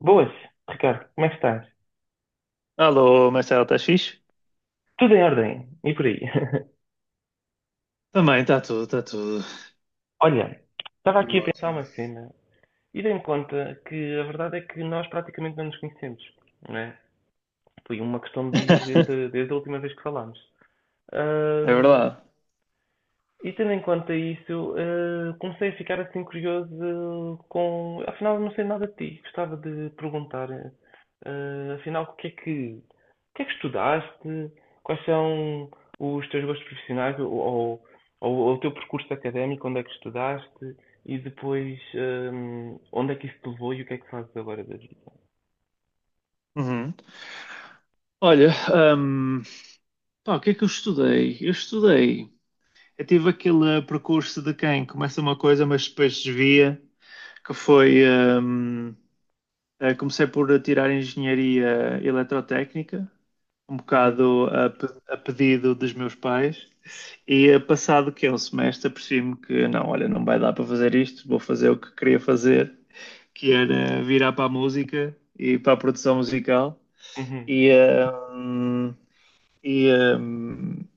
Boas, Ricardo, como é que estás? Alô, Marcelo, estás fixe? Tudo em ordem, e por aí? Também, está tudo, está tudo. Olha, estava aqui Tudo a pensar ótimo. uma cena e dei-me conta que a verdade é que nós praticamente não nos conhecemos, não é? Foi uma questão de dias desde, desde a última vez que falámos. É verdade. E tendo em conta isso, comecei a ficar assim curioso eh, com. Afinal, eu não sei nada de ti. Gostava de perguntar, afinal, o que é que estudaste? Quais são os teus gostos profissionais ou o teu percurso académico? Onde é que estudaste? E depois, onde é que isso te levou e o que é que fazes agora da vida? Uhum. Olha, pá, o que é que eu estudei? Eu estudei. Eu tive aquele percurso de quem começa uma coisa, mas depois desvia, que foi. ahm, comecei por tirar engenharia eletrotécnica, um Uhum, bocado a, a pedido dos meus pais, e passado que é um semestre, apercebi-me que não, olha, não vai dar para fazer isto, vou fazer o que queria fazer, que era virar para a música e para a produção musical. uhum. E, um, e, um,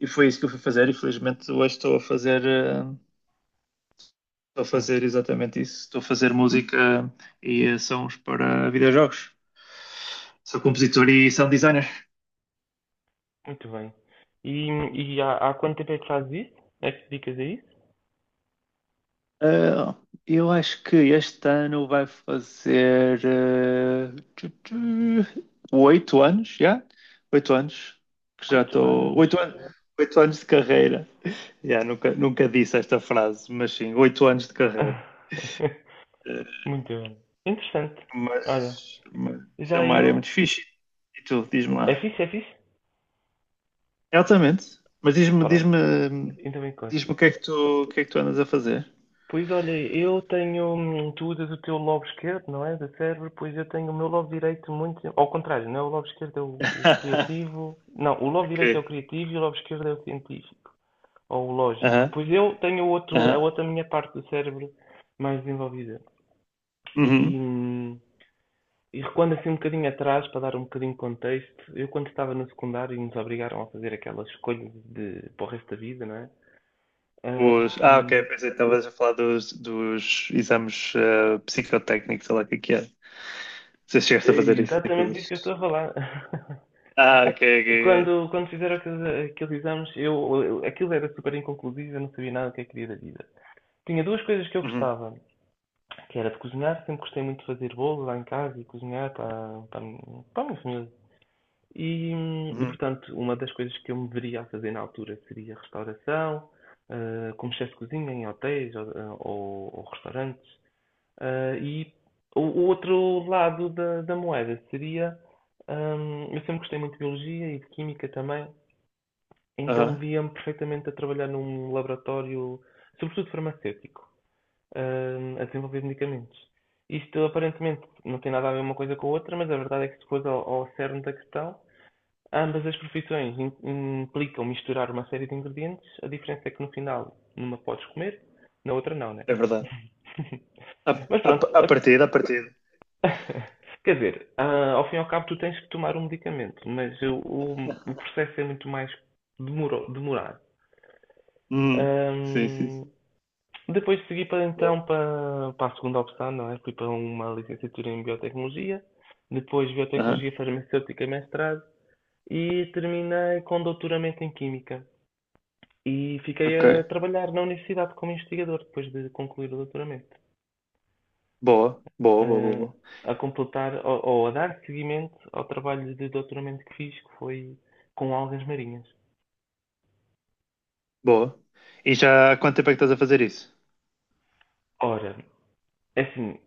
e foi isso que eu fui fazer. E felizmente hoje estou a fazer Música. exatamente isso. Estou a fazer música e sons para videojogos. Sou compositor e sound designer. Muito bem. E, há quanto tempo é que fazes isso? É que te dedicas a isso? Ah, eu acho que este ano vai fazer tu, tu, 8 anos, já? 8 anos que já Oito estou. anos. 8 anos de carreira. Já, nunca disse esta frase, mas sim, 8 anos de carreira. Eh, Muito bem. Interessante. Olha, mas é já uma área eu. muito fixe. E tu, diz-me É lá. fixe, é fixe? É altamente. Pronto, então encostas. Diz-me o que é que o que é que tu andas a fazer. Pois olha, eu tenho. Tu usas o teu lobo esquerdo, não é? Do cérebro, pois eu tenho o meu lobo direito muito. Ao contrário, não é o lobo esquerdo, é o criativo. Não, o lobo Ok. direito é o criativo e o lobo esquerdo é o científico. Ou o lógico. Aham, Pois eu tenho o outro, a aham. outra minha parte do cérebro mais desenvolvida. Uhum. E, e recuando assim um bocadinho atrás, para dar um bocadinho de contexto, eu quando estava no secundário e nos obrigaram a fazer aquela escolha de, para o resto da vida, não é? Ah, ok, Ahm, pensei que estavas a falar dos, dos exames psicotécnicos, sei lá o que é que é. Se é chegaste a fazer isso, exatamente isso aqueles. que eu estou a falar. Ah, ok, ok. Quando fizeram aqueles exames, aquilo era super inconclusivo, eu não sabia nada do que é queria da vida. Tinha duas coisas que eu Uhum, gostava, que era de cozinhar, sempre gostei muito de fazer bolo lá em casa e cozinhar a para a minha família. E, uhum, portanto, uma das coisas que eu me veria a fazer na altura seria restauração, ah, como chefe de cozinha em hotéis ou, ou restaurantes. Ah, e o outro lado da, da moeda seria, eu sempre gostei muito de biologia e de química também, então aham. via-me perfeitamente a trabalhar num laboratório, sobretudo farmacêutico, a desenvolver medicamentos. Isto aparentemente não tem nada a ver uma coisa com a outra, mas a verdade é que se fores ao cerne da questão, ambas as profissões implicam misturar uma série de ingredientes, a diferença é que no final, numa podes comer, na outra não, né? É verdade. A, Mas a, pronto, a a- partida, a partida. quer dizer, ah, ao fim e ao cabo tu tens que tomar um medicamento, mas o processo é muito mais demorado. Uhum. Sim, sim, Ahm, sim. Depois segui para Boa. então para a segunda opção, não é? Fui para uma licenciatura em biotecnologia, depois Aham. biotecnologia farmacêutica e mestrado, e terminei com doutoramento em química. E fiquei Ok. a trabalhar na universidade como investigador depois de concluir o doutoramento, Boa, boa, boa, boa, eh, boa. a completar ou a dar seguimento ao trabalho de doutoramento que fiz, que foi com algas marinhas. Boa. E já há quanto tempo é que estás a fazer isso? Ora, é assim,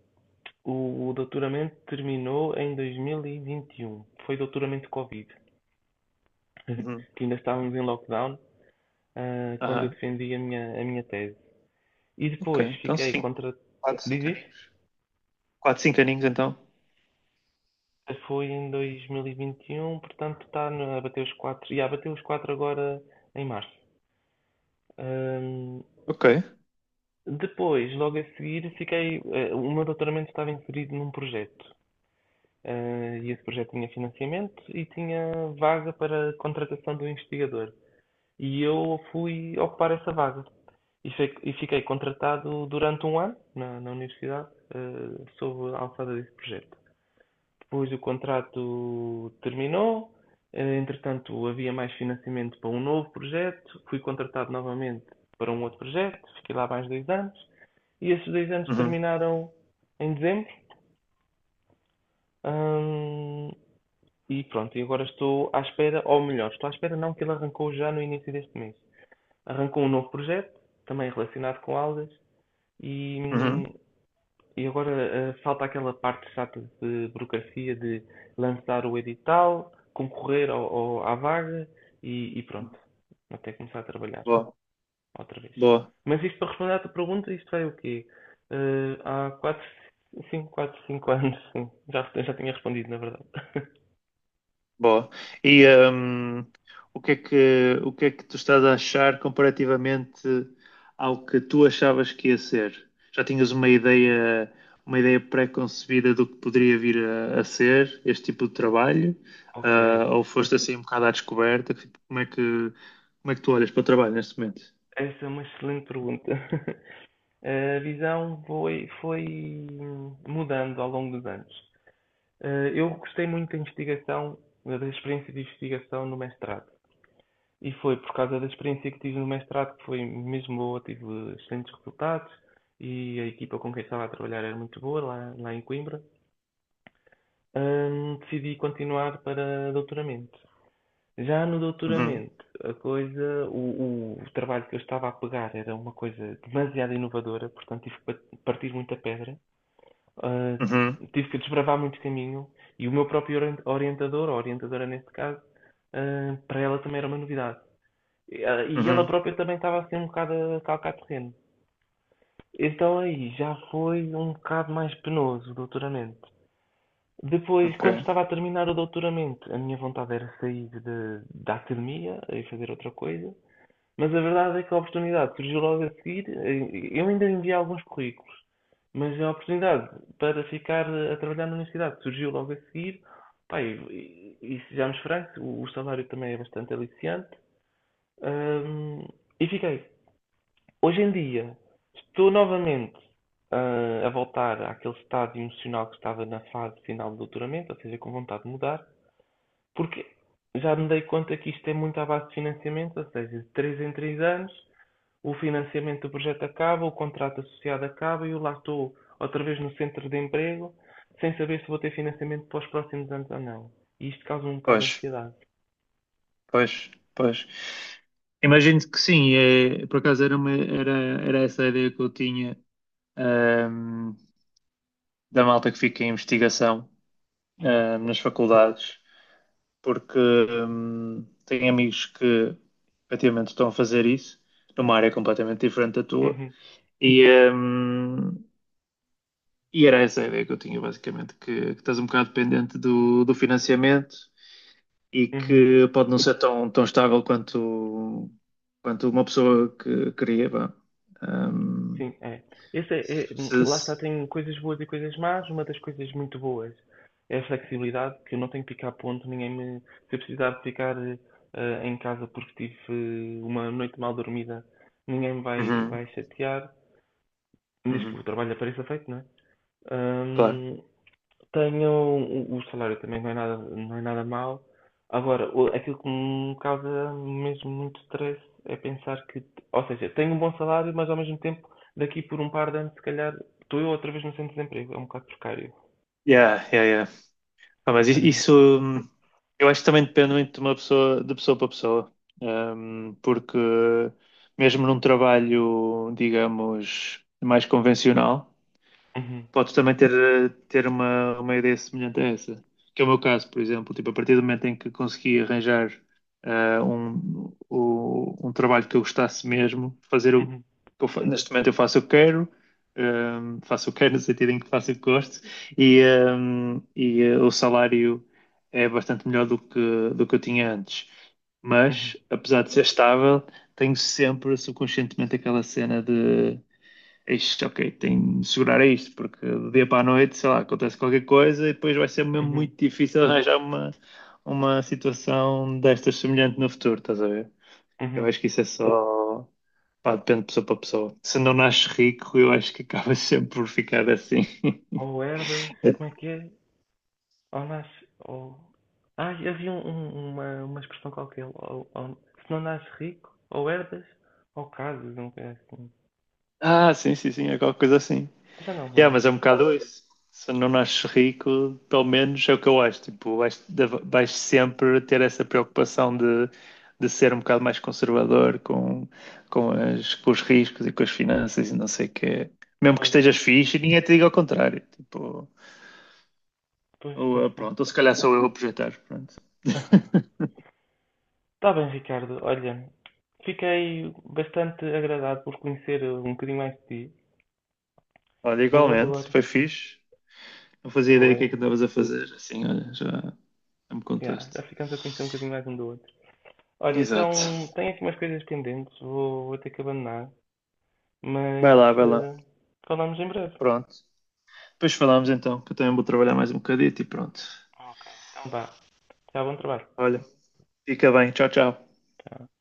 o doutoramento terminou em 2021. Foi doutoramento Covid, Uhum. que ainda estávamos em lockdown, quando eu Aham. defendi a minha tese. E Ok, depois então fiquei sim. contra. Quatro 5 Diz isso? aninhos. Quatro 5 aninhos, então. Foi em 2021, portanto está no- a bater os 4. Já bateu os 4 agora em março. Ahm, Ok. Depois, logo a seguir, fiquei, eh, o meu doutoramento estava inserido num projeto. Ah, e esse projeto tinha financiamento e tinha vaga para contratação do investigador. E eu fui ocupar essa vaga. E, e fiquei contratado durante 1 ano na universidade, sob a alçada desse projeto. Pois o contrato terminou, entretanto havia mais financiamento para um novo projeto, fui contratado novamente para um outro projeto, fiquei lá mais 2 anos e esses 2 anos Uhum, terminaram em dezembro. hum, e pronto, e agora estou à espera, ou melhor, estou à espera não, que ele arrancou já no início deste mês. Arrancou um novo projeto, também relacionado com aulas, e, uhum. e agora falta aquela parte chata de burocracia de lançar o edital, concorrer à vaga e pronto, até começar a trabalhar Boa, outra vez. boa, Mas isto para responder à tua pergunta, isto é o quê? Há 4, 5 anos, sim. Já tinha respondido, na verdade. boa. E o que é que, o que é que tu estás a achar comparativamente ao que tu achavas que ia ser? Já tinhas uma ideia pré-concebida do que poderia vir a ser este tipo de trabalho? Ok, Ah, ou foste assim um bocado à descoberta? Tipo, como é que, como é que tu olhas para o trabalho neste momento? essa é uma excelente pergunta. A visão foi mudando ao longo dos anos. Eu gostei muito da investigação, da experiência de investigação no mestrado. E foi por causa da experiência que tive no mestrado que foi mesmo boa, tive excelentes resultados e a equipa com quem estava a trabalhar era muito boa lá, lá em Coimbra. Decidi continuar para doutoramento. Já no Uhum, doutoramento, a coisa, o trabalho que eu estava a pegar era uma coisa demasiado inovadora, portanto tive que partir muita pedra, ah, uhum, tive que desbravar muito caminho e o meu próprio orientador, ou orientadora neste caso, ah, para ela também era uma novidade. E ah, e ela uhum. própria também estava assim um bocado a calcar terreno. Então aí já foi um bocado mais penoso o doutoramento. Depois, quando Ok. estava a terminar o doutoramento, a minha vontade era sair da academia e fazer outra coisa. Mas a verdade é que a oportunidade surgiu logo a seguir. Eu ainda enviei alguns currículos, mas a oportunidade para ficar a trabalhar na universidade surgiu logo a seguir. Pá, e, e sejamos francos, o salário também é bastante aliciante. Ahm, e fiquei. Hoje em dia, estou novamente ah, a voltar àquele estado emocional que estava na fase final do doutoramento, ou seja, com vontade de mudar, porque já me dei conta que isto é muito à base de financiamento, ou seja, de 3 em 3 anos. O financiamento do projeto acaba, o contrato associado acaba e eu lá estou outra vez no centro de emprego, sem saber se vou ter financiamento para os próximos anos ou não. E isto causa um bocado de Pois. ansiedade. Pois, pois. Imagino que sim, é, por acaso era essa a ideia que eu tinha, ahm, da malta que fica em investigação, Ah, nas faculdades, porque, tenho amigos que efetivamente estão a fazer isso, numa área completamente diferente da tua, uhum, e, ahm, e era essa a ideia que eu tinha, basicamente, que estás um bocado dependente do, do financiamento, e uhum, que pode não ser tão, tão estável quanto, quanto uma pessoa que queria, vá. Um, sim, é. Esse é- é- se- lá está, se- tem coisas boas e coisas más. Uma das coisas muito boas é a flexibilidade, que eu não tenho que ficar a ponto, ninguém me. Se eu precisar de ficar em casa porque tive uma noite mal dormida, ninguém me Uhum, vai chatear. Diz que uhum, o trabalho apareça feito, não é? claro. Hum, Tenho o salário também não é nada, não é nada mau. Agora, o- aquilo que me causa mesmo muito stress é pensar que, ou seja, tenho um bom salário, mas ao mesmo tempo, daqui por um par de anos, se calhar, estou eu outra vez no centro de desemprego. É um bocado precário. Yeah, yeah, yeah. Ah, mas i- Ah, isso hum, eu acho que também depende muito de uma pessoa, de pessoa para pessoa. Porque mesmo num trabalho, digamos, mais convencional, uhum, podes também ter, uma ideia semelhante a essa. Que é o meu caso, por exemplo. Tipo, a partir do momento em que consegui arranjar um trabalho que eu gostasse mesmo, fazer o uhum, que eu neste momento eu faço o que quero, faço o que quero no sentido em que faço o que gosto, e o salário é bastante melhor do que eu tinha antes. uhum, Mas, apesar de ser estável, tenho sempre subconscientemente aquela cena de. Isto, ok, tenho de segurar a isto, porque do dia para a noite, sei lá, acontece qualquer coisa e depois vai ser mesmo uhum, muito difícil arranjar uma situação destas semelhante no futuro, estás a ver? Eu uhum. acho que isso é só. Pá, depende de pessoa para pessoa. Se não nasces rico, eu acho que acabas sempre por ficar assim. Ou herdas, como é que é? Ou nasce, ou... ah, havia um- um- uma expressão qualquer. Ou- se não nasces rico, ou herdas, ou casas, não é assim. Ah, sim, sim, sim, é qualquer coisa assim. Já não me Yeah, lembro mas é um bem. bocado isso. Se não nasces rico, pelo menos é o que eu acho. Tipo, vais, vais sempre ter essa preocupação de ser um bocado mais conservador com, com os riscos e com as finanças e não sei o quê. Mesmo que Pois, estejas fixe, ninguém te diga ao contrário. Tipo, pois, ou, pois, ah, bem. pronto, ou se calhar sou eu a projetar. Pronto. Está bem, Ricardo. Olha, fiquei bastante agradado por conhecer um bocadinho mais de ti, Olha, mas eu igualmente, agora foi fixe. Não fazia vou ideia do que é que em. andavas a fazer. Assim, olha, já, já me Yeah, contaste. já ficamos a conhecer um bocadinho mais um do outro. Olha, Exato. então tenho aqui umas coisas pendentes, vou ter que abandonar, Vai mas lá, vai lá. Falamos em breve. Pronto. Depois falamos então, que eu também vou trabalhar mais um bocadito e pronto. Então vá, já bom trabalho. Olha, fica bem. Tchau, tchau. Tchau.